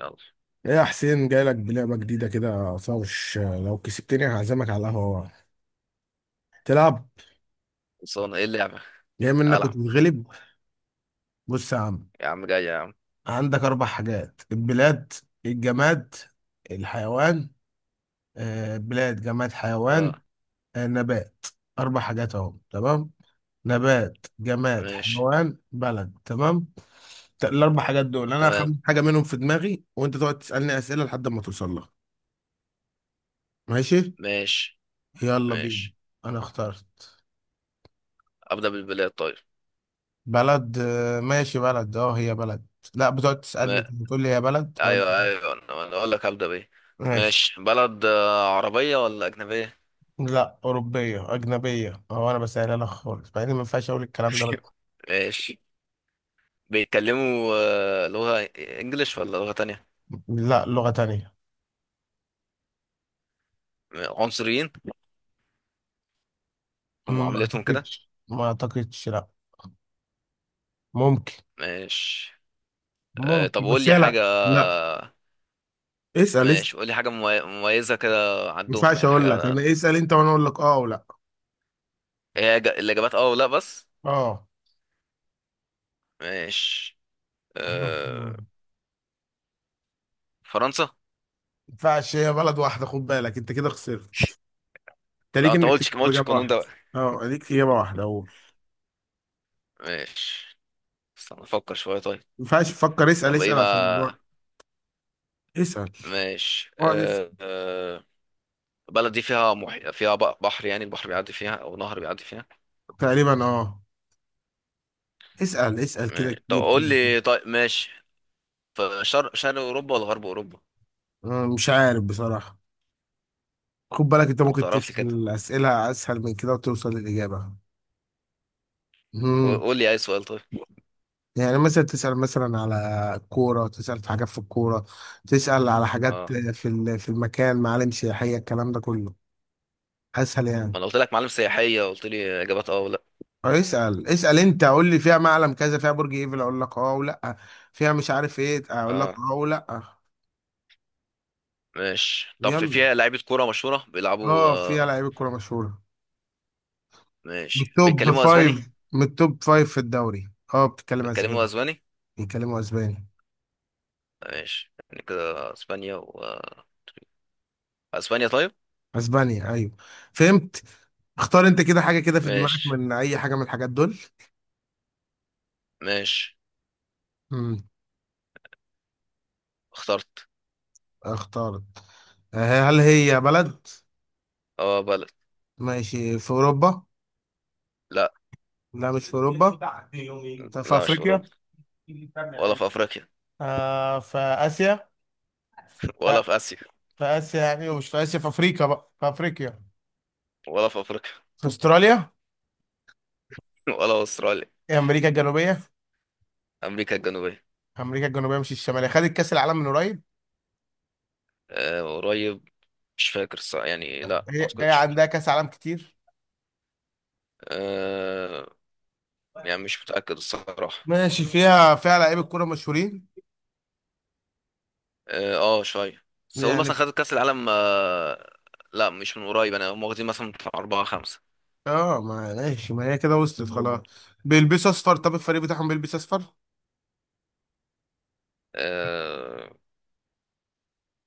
يلا، ايه يا حسين، جايلك بلعبة جديدة كده صوش، لو كسبتني هعزمك على القهوة. تلعب؟ خلصانة. ايه اللعبة؟ جاي منك ألعب. وتتغلب. بص يا عم، يا عم جاي يا عم. عندك أربع حاجات: البلاد، الجماد، الحيوان، بلاد جماد حيوان، اه. نبات. أربع حاجات أهو، تمام؟ نبات جماد ماشي. حيوان بلد، تمام. الأربع حاجات دول أنا تمام. هخمن حاجة منهم في دماغي وأنت تقعد تسألني أسئلة لحد ما توصل لها. ماشي ماشي يلا بينا، ماشي، أنا اخترت. أبدأ بالبلاد طيب. بلد، ماشي. بلد اه، هي بلد. لا، بتقعد تسألني ما... كده، بتقول لي هي بلد أقول أيوه أيوه، أنا أقول لك أبدأ بإيه. ماشي. ماشي، بلد، عربية ولا أجنبية؟ لا، أوروبية أجنبية، هو أنا بسألها لك خالص، مع إني ما ينفعش أقول الكلام ده بس. ماشي، بيتكلموا لغة إنجليش ولا لغة تانية؟ لا، لغة تانية. عنصريين ما ومعاملتهم كده. أعتقدش ما أعتقدش لا. ممكن. ماشي. طب ممكن، قول بس لي هي، لا حاجة. لا. اسأل اسأل، ماشي، قول لي حاجة مميزة كده، ما عندهم ينفعش يعني أقول لك، حاجة. أنا اسأل أنت وأنا أقول لك أه ولا. هي الإجابات اه ولا بس؟ أه. ماشي. آه، فرنسا. ما ينفعش، هي بلد واحدة، خد بالك أنت كده خسرت. أنت لا، ليك انت ما إنك قلتش ما تجاوب قلتش إجابة القانون واحدة. ده بقى. أه ليك إجابة واحدة أقول، ما ماشي، استنى افكر شويه طيب. ينفعش تفكر، اسأل طب ايه اسأل عشان ما. اسأل. ماشي. اقعد اسأل. البلد دي فيها بحر، يعني البحر بيعدي فيها او نهر بيعدي فيها. تقريبا اه. اسأل اسأل كده، ماشي. طب كتير قول كده. لي، طيب، ماشي. في شرق اوروبا ولا غرب اوروبا؟ أنا مش عارف بصراحة. خد بالك انت طب ما ممكن تعرف لي كده، تسأل أسئلة أسهل من كده وتوصل للإجابة. قول امم قول لي اي سؤال طيب. يعني مثلا تسأل مثلا على كورة، تسأل في حاجات في الكورة. تسأل على حاجات اه، في في المكان، معالم سياحية، الكلام ده كله أسهل يعني. ما انا قلت لك معالم سياحيه، قلت لي اجابات اه ولا. أو اسأل اسأل أنت، قول لي فيها معلم كذا، فيها برج إيفل، أقول لك أه ولا. فيها مش عارف إيه، أقول لك اه، أه ولا. ماشي. طب يلا. فيها لعيبه كوره مشهوره بيلعبوا أه، فيها آه. لعيبة كورة مشهورة، من ماشي، التوب بيتكلموا اسباني. فايف، من التوب فايف في الدوري. اه، بتتكلم بيتكلموا اسباني. اسباني. بيتكلموا اسباني. ماشي، يعني كده اسبانيا طيب. اسبانيا، ايوه. فهمت. اختار انت كده حاجة كده في دماغك ماشي من اي حاجة من الحاجات دول. ماشي، امم اخترت. اختارت. هل هي بلد؟ اه، بلد. ماشي، في اوروبا؟ لا لا، مش في اوروبا. طب في لا، مش في افريقيا؟ اوروبا، ولا في افريقيا، آه، في اسيا؟ ولا آه، في اسيا، في اسيا يعني، ومش في اسيا، في افريقيا، بقى في افريقيا. ولا في افريقيا، في استراليا؟ ولا في استراليا. هي امريكا الجنوبية. امريكا الجنوبيه. امريكا الجنوبية مش الشمالية، خدت كاس العالم من قريب. أه، قريب. مش فاكر الصراحه، يعني لا، ما هي اعتقدش. عندها كاس عالم كتير. أه، يعني مش متاكد الصراحه. ماشي، فيها فيها لعيبه كوره مشهورين. اه، شويه سؤال، مثلا يعني خدت كاس العالم؟ أه. لا، مش من قريب، انا هم واخدين مثلا بتاع اربعه خمسه. اه، ما ماشي، ما هي كده وصلت خلاص. بيلبسوا اصفر، طب الفريق بتاعهم بيلبس اصفر. أه.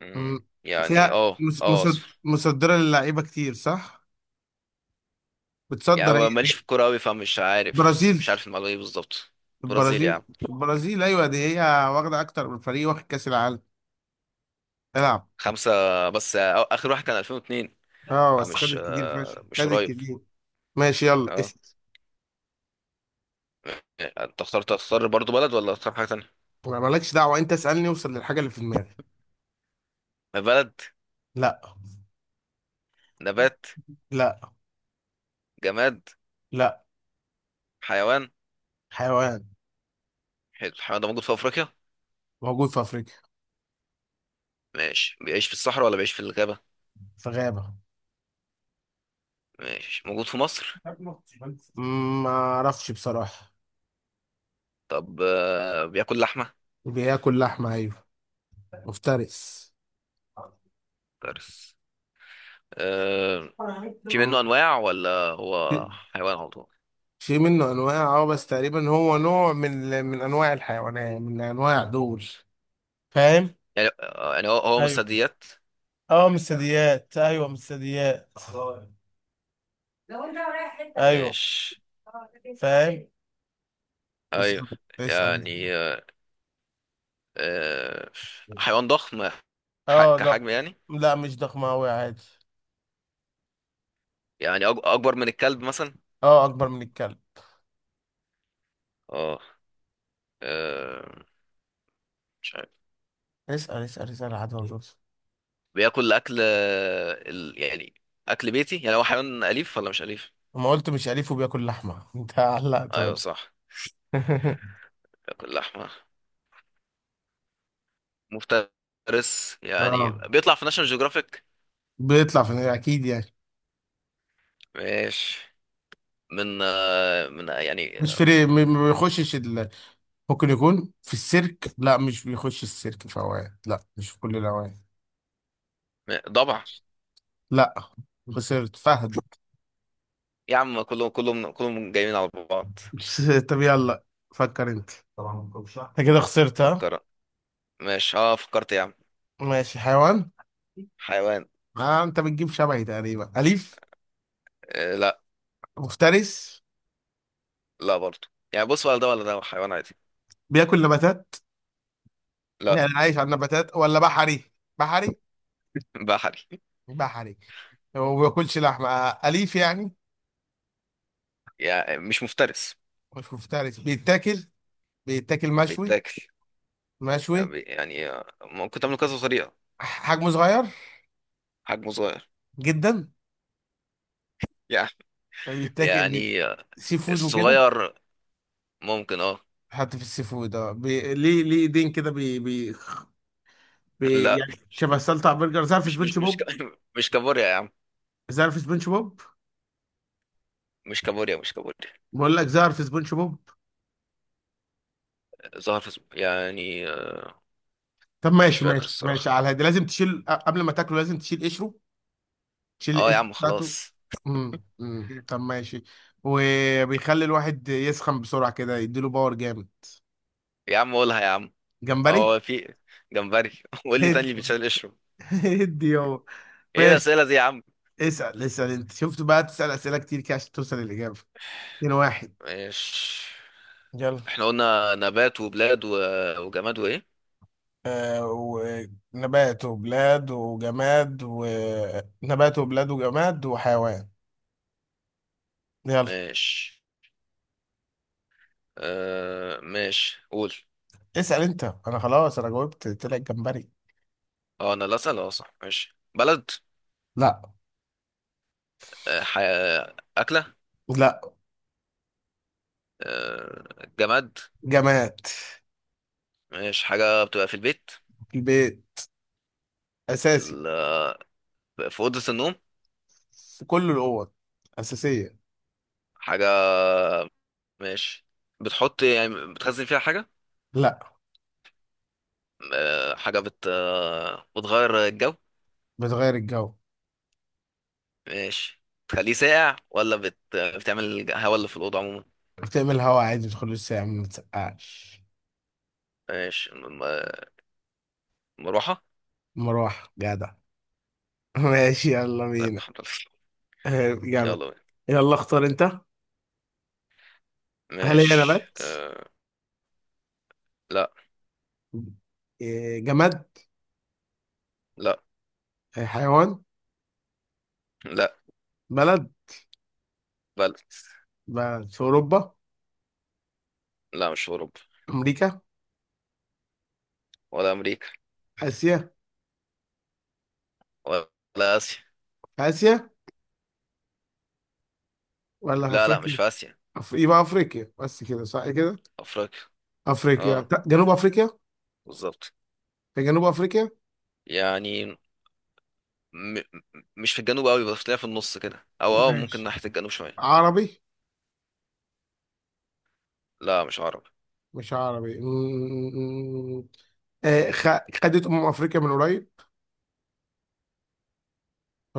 مم، مم. يعني فيها اه اه. مصدره للعيبه كتير صح، يعني بتصدر، ماليش في الكورة أوي، فمش عارف برازيل. مش عارف المعلومة دي بالظبط. برازيل البرازيل، يعني. البرازيل ايوه دي هي. واخده اكتر من فريق واخد كاس العالم. العب. خمسة، بس آخر واحد كان 2002. اه بس فمش خدت كتير فشخ، آه، مش خدت قريب. كتير. ماشي يلا اه، اسال. انت اخترت. تختار برضو بلد ولا تختار حاجة تانية؟ ما مالكش دعوه انت، اسالني اوصل للحاجه اللي في دماغي. بلد؟ لا. نبات؟ لا. جماد؟ لا. حيوان؟ حيوان. حلو، الحيوان ده موجود في أفريقيا؟ موجود في افريقيا. ماشي، بيعيش في الصحراء ولا بيعيش في الغابة؟ في غابه. ماشي، موجود في مصر؟ ما اعرفش بصراحة. طب بياكل لحمة؟ بياكل لحمة ايوه، مفترس. ترس. آه، في منه مم. أنواع ولا هو حيوان على طول؟ في منه انواع اه، بس تقريبا هو نوع من انواع الحيوانات، من انواع دول. فاهم. يعني يعني هو من ايوه. الثدييات؟ اه من الثدييات، ايوه من الثدييات، ايوه. ماشي. فاهم. ايوه. اسأل اسأل. يعني آه، حيوان ضخم، اه ده. كحجم يعني. لا مش ضخم اوي، عادي. يعني اكبر من الكلب مثلا؟ اه، اكبر من الكلب. اه. آه، مش عارف. اسال اسال اسال عادي، موجود. بياكل اكل، يعني اكل بيتي؟ يعني هو حيوان اليف ولا مش اليف؟ ما قلت مش أليف وبياكل لحمة، انت علقت ايوه ولا. صح. بياكل لحمه مفترس، يعني اه، بيطلع في ناشونال جيوغرافيك؟ بيطلع في اكيد يعني. ماشي. من آه، من آه، يعني مش في ما بيخشش ممكن يكون في السيرك، لا مش بيخش السيرك في اوقات، لا مش في كل الاوقات. ضبع؟ لا. خسرت فهد. يا عم كلهم كلهم كلهم جايين على بعض. طب يلا، فكر انت. طبعا ما بتكونش صح، انت كده خسرت، ها. فكر. ماشي، اه فكرت يا عم. ماشي، حيوان. حيوان. آه، انت بتجيب شبهي تقريبا، اليف. لا. مفترس. لا برضه. يعني بص، ولا ده ولا ده حيوان عادي. بياكل نباتات، لا، يعني عايش على النباتات ولا بحري. بحري. بحري. باح عليك. هو ما بياكلش لحمه، اليف يعني. يعني مش مفترس، مش مفترس، بيتاكل. بيتاكل مشوي. بيتاكل. يعني مشوي. ممكن تعمله كذا طريقة. حجمه صغير حجمه صغير. جدا. يعني بيتاكل يعني سي فود وكده. الصغير ممكن، اه. حتى في السي فود، اه، ليه ليه ايدين كده، لا، يعني شبه سلطع برجر، زعر في مش مش سبونج مش بوب. ك- مش كابوريا يا عم. زعر في سبونج بوب. مش كابوريا، مش كابوريا. بقول لك زعر في سبونج بوب. ظهر في يعني. طب مش ماشي فاكر ماشي ماشي، الصراحة. على هادي لازم تشيل قبل ما تاكله، لازم تشيل قشره. شيل اه يا القشر عم، بتاعته. خلاص. طب ماشي. وبيخلي الواحد يسخن بسرعة كده، يديله باور جامد. يا عم قولها يا عم. جمبري. اه، في جمبري. قول لي تاني هد. اللي بيتشال قشره. هد يابا. ايه ماشي، الأسئلة دي يا عم؟ اسأل اسأل. انت شفت بقى، تسأل أسئلة كتير كده عشان توصل للإجابة. اتنين واحد. ماشي، يلا. احنا قلنا نبات وبلاد وجماد وايه؟ آه، ونبات وبلاد وجماد، ونبات وبلاد وجماد وحيوان. يلا. ماشي. ماشي، قول. اسأل انت، انا خلاص، انا جاوبت، طلع الجمبري. اه، انا اللي اسال، اه صح. ماشي، بلد؟ لا. آه... ح... آه، اكله؟ لا. جماد؟ جماد. ماشي، حاجه بتبقى في البيت؟ البيت، في اساسي. ال... في اوضه النوم؟ في كل الاوض، اساسيه. حاجه. ماشي، بتحط يعني بتخزن فيها حاجه؟ لا. حاجه بتغير الجو؟ بتغير الجو. ماشي، بتخليه ساقع ولا بتعمل هوا اللي في الاوضه عموما؟ بتعمل هوا عادي، بتدخل الساعه ما بتسقعش. ماشي، مروحه. مروحه، جدع. ماشي يلا طيب، بينا. الحمد لله. جدع. يلا بينا. يلا اختار انت. هل هي ماشي. نبات؟ لا. جماد؟ لا حيوان؟ لا، بلد. بلد. بلد في اوروبا؟ لا، مش في أوروبا، امريكا؟ ولا أمريكا، اسيا؟ ولا آسيا. في اسيا ولا في لا لا، مش افريقيا؟ في آسيا. يبقى افريقيا بس، كده صح كده. أفريقيا، اه، افريقيا لا، جنوب افريقيا. بالظبط. في جنوب افريقيا. يعني م... م- مش في الجنوب قوي، بس تلاقيها في النص كده، أو اه ممكن ماشي، ناحية الجنوب شوية. عربي؟ لا، مش عربي. مش عربي. مم. خدت أمم أفريقيا من قريب،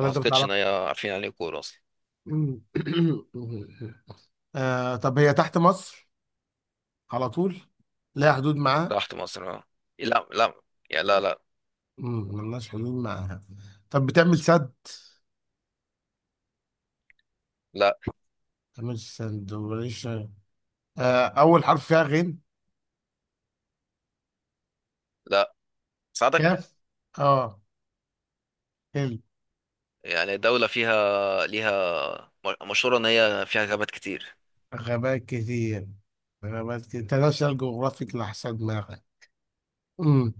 ما أنت أعتقدش بتعرف؟ إن هي، عارفين عليه كورة أصلا؟ مم. طب هي تحت مصر على طول؟ لها حدود معاها؟ تحت مصر اه. لا لا. يا لا لا. مم، ملناش حدود معاها. طب بتعمل سد؟ لا بتعمل سد وليش. أول حرف فيها غين؟ لا، ساعدك. كاف؟ أه، حلو. يعني دولة فيها، ليها، مشهورة إن هي فيها غابات كتير. غابات كتير. غابات كتير، انترناشونال جغرافيك لأحسن دماغك. مم.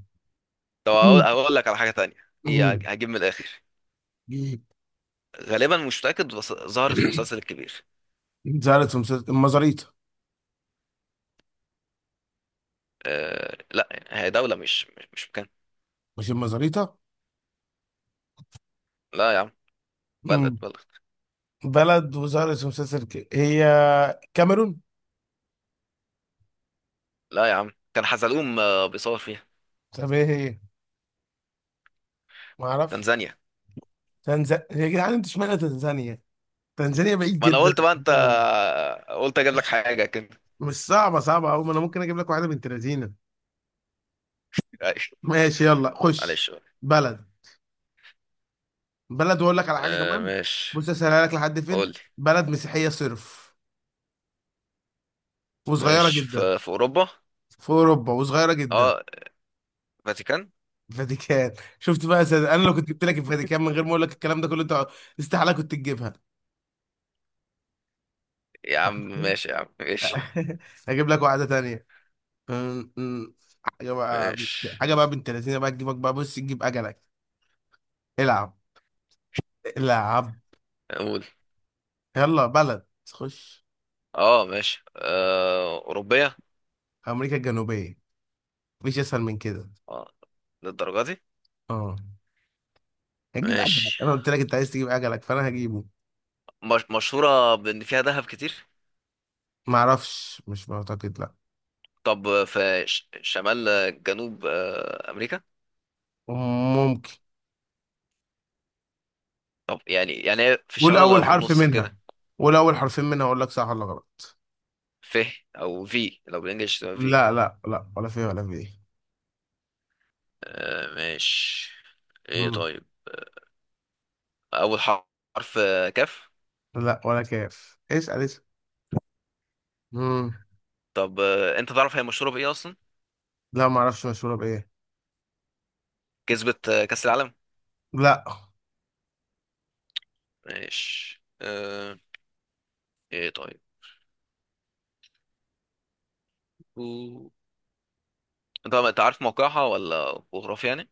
طب اقول مم. اقول لك على حاجه تانية، دي مم. هجيب من الاخر. غالبا مش متاكد، بس ظهرت في مسلسل الكبير. زعلت. في مسلسل المزاريطة. أه لا، هي دوله مش مكان. مش المزاريطة. لا يا عم. بلد مم. بلد. بلد وظهرت في مسلسل، هي كاميرون. لا يا عم، كان حزلقوم بيصور فيها. طب ايه هي، ما اعرفش. تنزانيا. تنزانيا، يا جدعان، انت اشمعنى تنزانيا؟ تنزانيا بعيد ما انا جدا. قلت بقى، انت قلت اجيب لك مش حاجه كده. مش صعبه، صعبه قوي، ما انا ممكن اجيب لك واحده بنت لذينه. معلش. ماشي يلا خش. معلش بقى. بلد. بلد، واقول لك على حاجه أه كمان. ماشي. بص، اسهلها لك لحد فين. قول لي. بلد مسيحيه صرف، وصغيره ماشي، جدا. في اوروبا؟ في اوروبا وصغيره جدا. اه، فاتيكان. الفاتيكان. شفت بقى يا سيد؟ انا لو كنت جبت لك الفاتيكان من غير ما اقول لك الكلام ده كله، انت استحاله كنت تجيبها. يا عم ماشي. يا عم ماشي اجيب لك واحده تانية. أم- أم. حاجه بقى. ماشي، حاجه بقى، بنت لذينه بقى تجيبك، بقى بص تجيب اجلك. العب. العب. قول. يلا بلد، خش. اه ماشي. اوروبيه؟ امريكا الجنوبيه، مفيش اسهل من كده. اه، للدرجه دي؟ اه، هتجيب اجلك، ماشي، انا قلت لك انت عايز تجيب اجلك، فانا هجيبه. مش... مشهورة بإن فيها دهب كتير؟ معرفش، مش معتقد لا. طب في شمال جنوب أمريكا؟ ممكن. طب يعني، يعني هي في قول الشمال ولا اول في حرف النص منها، كده؟ قول اول حرفين منها اقول لك صح ولا غلط. في، أو في، لو بالإنجلش تبقى في. لا. لا. لا ولا فيه، ولا فيه. ماشي. إيه مم. طيب. أول حرف كاف؟ لا، ولا كاف، اسال اسال. مم. طب أنت تعرف هي مشهورة بإيه أصلا؟ لا، معرفش مشهوره بايه. كسبت كأس العالم؟ لا. ماشي. إيه طيب. و- أنت عارف موقعها ولا جغرافيا يعني؟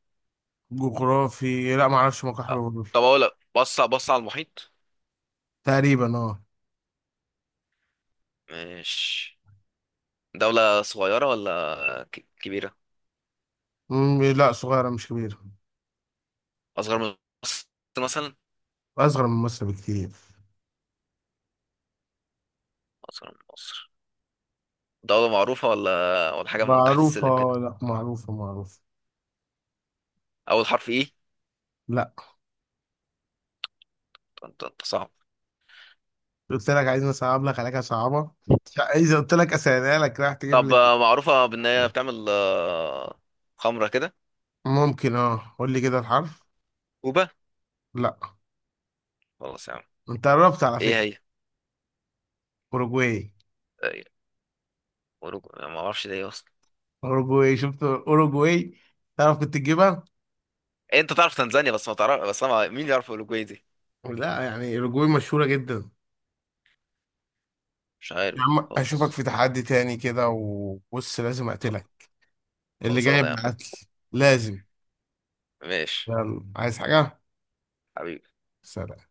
جغرافي لا، ما اعرفش مكان حاجه آه، طب جغرافي. أقول لك، بص بص على المحيط. تقريبا اه. ماشي. دولة صغيرة ولا كبيرة؟ مم، لا صغيره مش كبيره. أصغر من مصر مثلا؟ اصغر من مصر بكتير. أصغر من مصر. دولة معروفة ولا حاجة من تحت السلم كده؟ معروفه، لا معروفه معروفه. أول حرف إيه؟ لا. أنت صعب. قلت لك عايز اصعب لك، عليك صعبه. اذا قلت لك اسالها لك راح تجيب طب لي دي. معروفة بإن هي بتعمل خمرة كده؟ ممكن اه، قول لي كده الحرف. كوبا؟ لا، خلاص يا عم. انت قربت على إيه فكره. هي؟ اوروجواي. آه، أوروجو أنا ما أعرفش دي إيه أصلا. اوروجواي، شفت اوروجواي؟ تعرف كنت تجيبها. إيه، أنت تعرف تنزانيا بس ما تعرف، بس أنا مين يعرف أوروجواي دي؟ لا، يعني اوروجواي مشهوره جدا. مش عارف يا دي عم، اشوفك في خالص. تحدي تاني كده، وبص لازم خل- اقتلك. اللي خلصانة يا جايب عم. العدل، لازم. ماشي يلا، عايز حاجة؟ حبيبي. سلام.